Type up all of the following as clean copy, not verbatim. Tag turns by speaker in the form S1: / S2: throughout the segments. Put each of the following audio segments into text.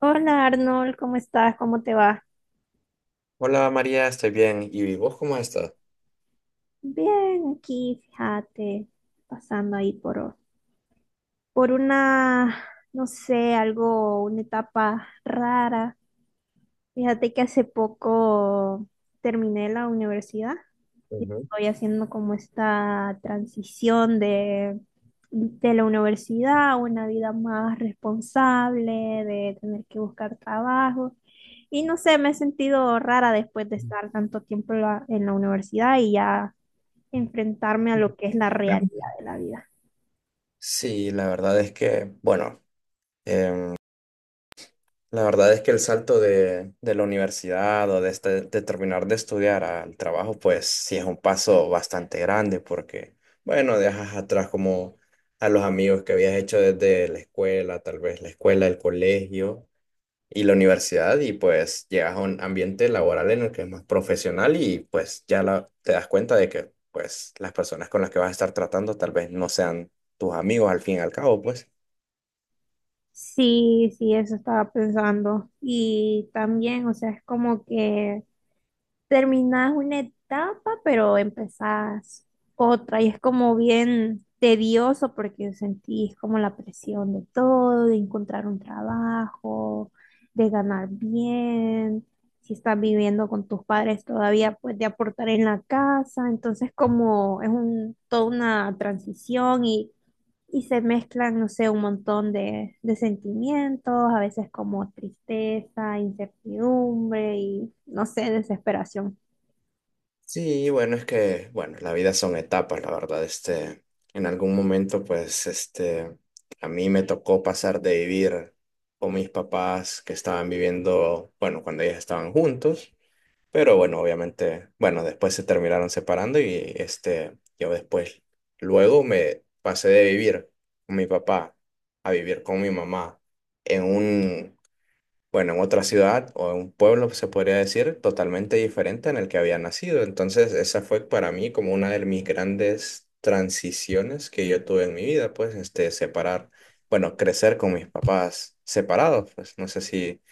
S1: Hola Arnold, ¿cómo estás? ¿Cómo te va?
S2: Hola María, estoy bien. ¿Y vos cómo estás?
S1: Bien, aquí, fíjate, pasando ahí por una, no sé, algo, una etapa rara. Fíjate que hace poco terminé la universidad y
S2: Ujú.
S1: estoy haciendo como esta transición de la universidad a una vida más responsable, de tener que buscar trabajo. Y no sé, me he sentido rara después de estar tanto tiempo en la universidad y ya enfrentarme a lo que es la realidad de la vida.
S2: Sí, la verdad es que, bueno, em, la verdad es que el salto de la universidad o de, de terminar de estudiar al trabajo, pues sí es un paso bastante grande porque, bueno, dejas atrás como a los amigos que habías hecho desde la escuela, tal vez la escuela, el colegio y la universidad, y pues llegas a un ambiente laboral en el que es más profesional, y pues ya te das cuenta de que pues las personas con las que vas a estar tratando tal vez no sean tus amigos al fin y al cabo, pues.
S1: Sí, sí, eso estaba pensando. Y también, o sea, es como que terminás una etapa, pero empezás otra y es como bien tedioso porque sentís como la presión de todo, de encontrar un trabajo, de ganar bien, si estás viviendo con tus padres todavía, pues de aportar en la casa, entonces como es un, toda una transición. Y... Y se mezclan, no sé, un montón de sentimientos, a veces como tristeza, incertidumbre y, no sé, desesperación.
S2: Sí, bueno, es que, bueno, la vida son etapas, la verdad, este, en algún momento pues este, a mí me tocó pasar de vivir con mis papás que estaban viviendo, bueno, cuando ellos estaban juntos. Pero bueno, obviamente, bueno, después se terminaron separando y este, yo después, luego me pasé de vivir con mi papá a vivir con mi mamá en un, bueno, en otra ciudad o en un pueblo, se podría decir, totalmente diferente en el que había nacido. Entonces, esa fue para mí como una de mis grandes transiciones que yo tuve en mi vida, pues, este, separar, bueno, crecer con mis papás separados, pues, no sé si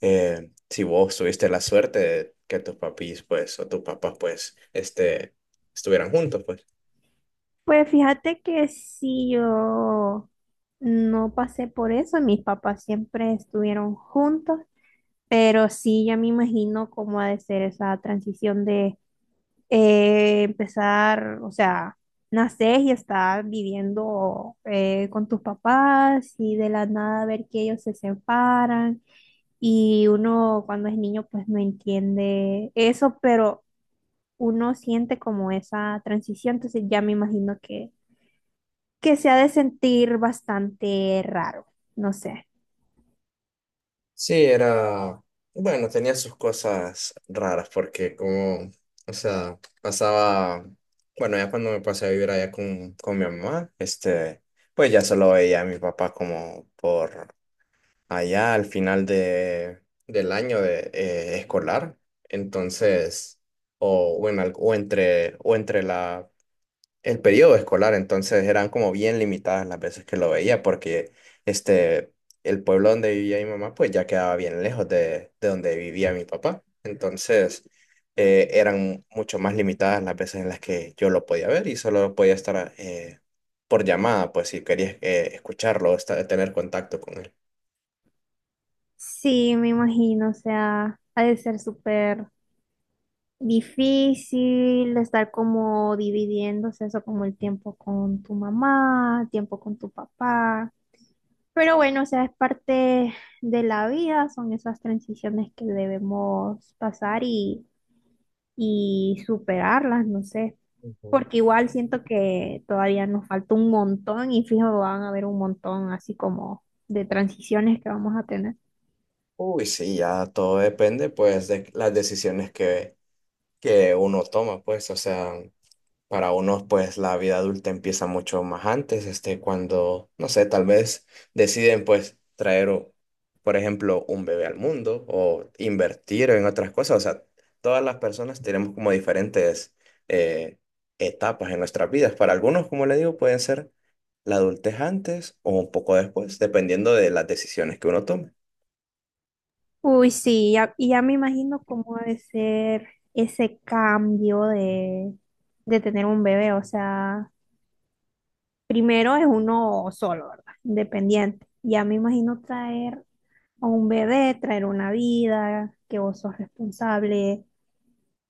S2: si vos tuviste la suerte de que tus papis, pues, o tus papás, pues, este, estuvieran juntos, pues.
S1: Pues fíjate que sí, yo no pasé por eso, mis papás siempre estuvieron juntos, pero sí, ya me imagino cómo ha de ser esa transición de empezar, o sea, nacer y estar viviendo con tus papás y de la nada ver que ellos se separan y uno cuando es niño pues no entiende eso, pero uno siente como esa transición, entonces ya me imagino que se ha de sentir bastante raro, no sé.
S2: Sí, era, bueno, tenía sus cosas raras porque como, o sea, pasaba, bueno, ya cuando me pasé a vivir allá con mi mamá, este, pues ya solo veía a mi papá como por allá al final de, del año de, escolar. Entonces, o en, o entre la el periodo escolar, entonces eran como bien limitadas las veces que lo veía, porque este, el pueblo donde vivía mi mamá, pues ya quedaba bien lejos de donde vivía mi papá. Entonces, eran mucho más limitadas las veces en las que yo lo podía ver, y solo podía estar por llamada, pues si quería escucharlo, tener contacto con él.
S1: Sí, me imagino, o sea, ha de ser súper difícil estar como dividiéndose eso como el tiempo con tu mamá, tiempo con tu papá. Pero bueno, o sea, es parte de la vida, son esas transiciones que debemos pasar y superarlas, no sé,
S2: Ujú.
S1: porque igual siento que todavía nos falta un montón y fijo, van a haber un montón así como de transiciones que vamos a tener.
S2: Uy, sí, ya todo depende pues de las decisiones que uno toma, pues, o sea. Para unos, pues la vida adulta empieza mucho más antes, este, cuando, no sé, tal vez deciden, pues, traer, por ejemplo, un bebé al mundo o invertir en otras cosas. O sea, todas las personas tenemos como diferentes eh, etapas en nuestras vidas. Para algunos, como le digo, pueden ser la adultez antes o un poco después, dependiendo de las decisiones que uno tome.
S1: Uy, sí, ya- y ya me imagino cómo ha de ser ese cambio de tener un bebé. O sea, primero es uno solo, ¿verdad? Independiente. Ya me imagino traer a un bebé, traer una vida, que vos sos responsable,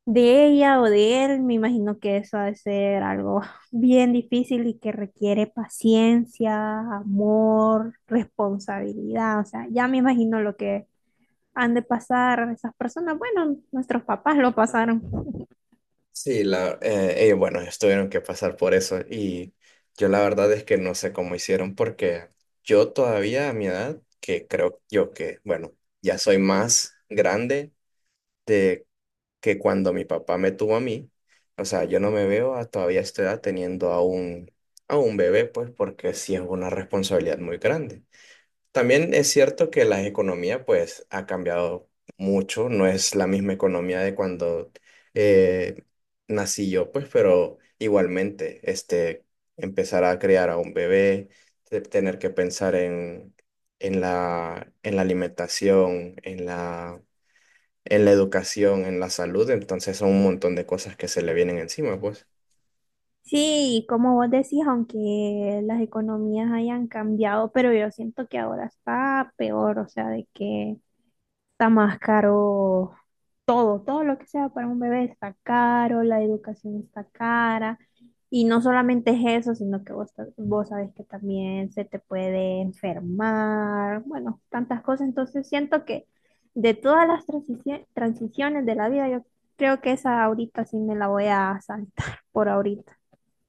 S1: de ella o de él, me imagino que eso ha de ser algo bien difícil y que requiere paciencia, amor, responsabilidad. O sea, ya me imagino lo que han de pasar esas personas. Bueno, nuestros papás lo pasaron.
S2: Sí, la, ellos, bueno, ellos tuvieron que pasar por eso, y yo la verdad es que no sé cómo hicieron porque yo todavía a mi edad, que creo yo que, bueno, ya soy más grande de que cuando mi papá me tuvo a mí, o sea, yo no me veo a todavía a esta edad teniendo a un bebé, pues porque sí es una responsabilidad muy grande. También es cierto que la economía pues ha cambiado mucho, no es la misma economía de cuando eh, nací yo, pues, pero igualmente, este, empezar a criar a un bebé, tener que pensar en la alimentación, en la educación, en la salud, entonces son un montón de cosas que se le vienen encima, pues.
S1: Sí, y como vos decís, aunque las economías hayan cambiado, pero yo siento que ahora está peor, o sea, de que está más caro todo, todo lo que sea para un bebé está caro, la educación está cara. Y no solamente es eso, sino que vos, ta- vos sabés que también se te puede enfermar, bueno, tantas cosas. Entonces siento que de todas las transiciones de la vida, yo creo que esa ahorita sí me la voy a saltar por ahorita.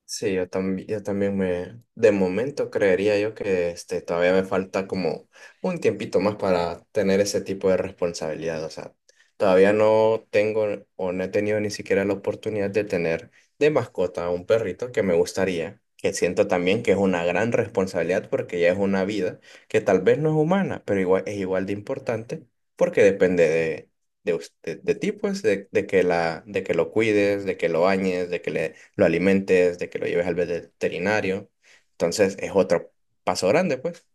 S2: Sí, yo también me, de momento creería yo que este, todavía me falta como un tiempito más para tener ese tipo de responsabilidad. O sea, todavía no tengo o no he tenido ni siquiera la oportunidad de tener de mascota a un perrito que me gustaría, que siento también que es una gran responsabilidad porque ya es una vida que tal vez no es humana, pero igual, es igual de importante porque depende de usted, de ti, pues, de que la, de que lo cuides, de que lo bañes, de que le lo alimentes, de que lo lleves al veterinario. Entonces es otro paso grande, pues.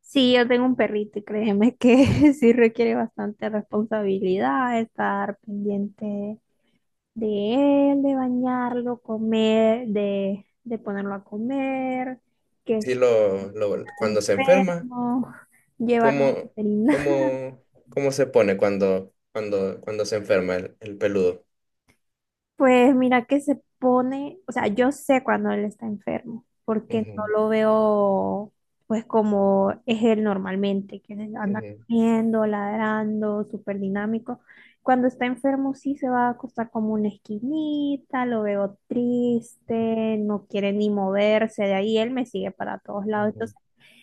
S1: Sí, yo tengo un perrito y créeme que sí requiere bastante responsabilidad estar pendiente de él, de bañarlo, comer, de ponerlo a comer, que
S2: Si
S1: si
S2: lo,
S1: está
S2: cuando se enferma,
S1: enfermo, llevarlo al
S2: ¿cómo,
S1: veterinario.
S2: cómo, cómo se pone cuando, cuando, cuando se enferma el peludo?
S1: Pues mira que se pone, o sea, yo sé cuando él está enfermo, porque no
S2: Ujú,
S1: lo veo pues como es él normalmente, que anda
S2: ujú,
S1: corriendo, ladrando, súper dinámico. Cuando está enfermo sí se va a acostar como una esquinita, lo veo triste, no quiere ni moverse de ahí, él me sigue para todos lados,
S2: ujú.
S1: entonces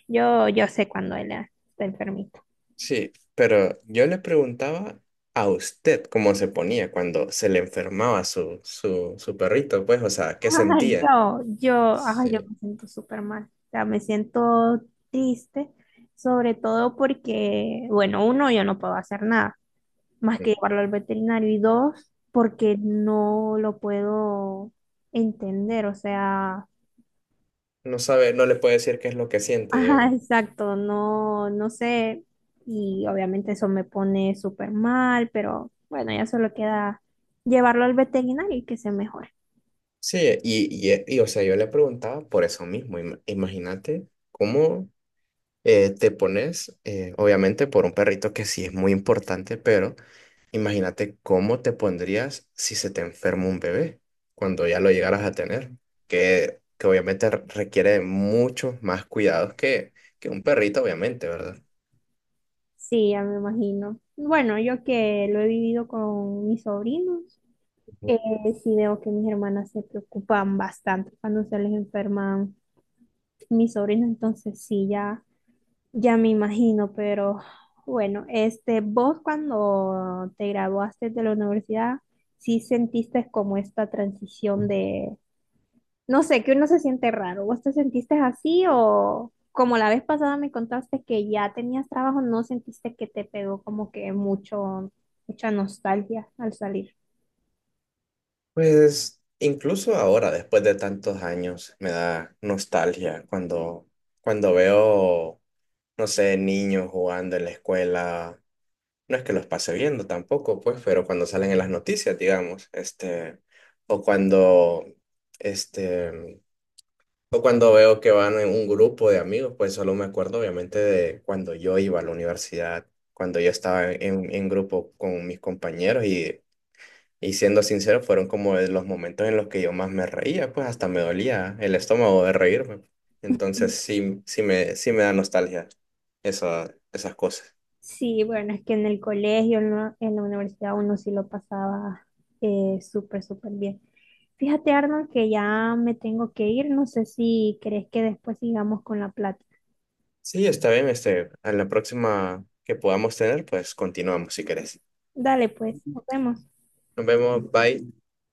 S1: yo sé cuando él está enfermito.
S2: Sí, pero yo le preguntaba a usted cómo se ponía cuando se le enfermaba su, su, su perrito, pues, o sea, ¿qué
S1: Ay,
S2: sentía?
S1: yo, ay, yo
S2: Sí.
S1: me siento súper mal. O sea, me siento triste, sobre todo porque, bueno, uno, yo no puedo hacer nada más que llevarlo al veterinario y dos, porque no lo puedo entender. O sea,
S2: No sabe, no le puede decir qué es lo que siente,
S1: ajá,
S2: digamos.
S1: exacto, no, no sé. Y obviamente eso me pone súper mal, pero bueno, ya solo queda llevarlo al veterinario y que se mejore.
S2: Sí, y, o sea, yo le preguntaba por eso mismo. Imagínate cómo te pones, obviamente por un perrito que sí es muy importante, pero imagínate cómo te pondrías si se te enferma un bebé cuando ya lo llegaras a tener, que obviamente requiere de muchos más cuidados que un perrito, obviamente, ¿verdad?
S1: Sí, ya me imagino. Bueno, yo que lo he vivido con mis sobrinos,
S2: Ujú.
S1: eh, sí veo que mis hermanas se preocupan bastante cuando se les enferman mis sobrinos, entonces sí, ya, ya me imagino, pero bueno, este, vos cuando te graduaste de la universidad, ¿sí sentiste como esta transición de, no sé, que uno se siente raro? ¿Vos te sentiste así o como la vez pasada me contaste que ya tenías trabajo, no sentiste que te pegó como que mucho, mucha nostalgia al salir?
S2: Pues incluso ahora, después de tantos años, me da nostalgia cuando, cuando veo no sé, niños jugando en la escuela. No es que los pase viendo tampoco, pues, pero cuando salen en las noticias, digamos, o cuando, este, o cuando veo que van en un grupo de amigos, pues solo me acuerdo obviamente de cuando yo iba a la universidad, cuando yo estaba en grupo con mis compañeros, y siendo sincero, fueron como de los momentos en los que yo más me reía, pues hasta me dolía el estómago de reírme. Entonces sí, sí me da nostalgia esa, esas cosas.
S1: Sí, bueno, es que en el colegio, en la universidad uno sí lo pasaba súper, súper bien. Fíjate, Arnold, que ya me tengo que ir. No sé si crees que después sigamos con la plática.
S2: Sí, está bien, este, a la próxima que podamos tener, pues continuamos si querés.
S1: Dale, pues, nos vemos.
S2: Nos vemos, bye.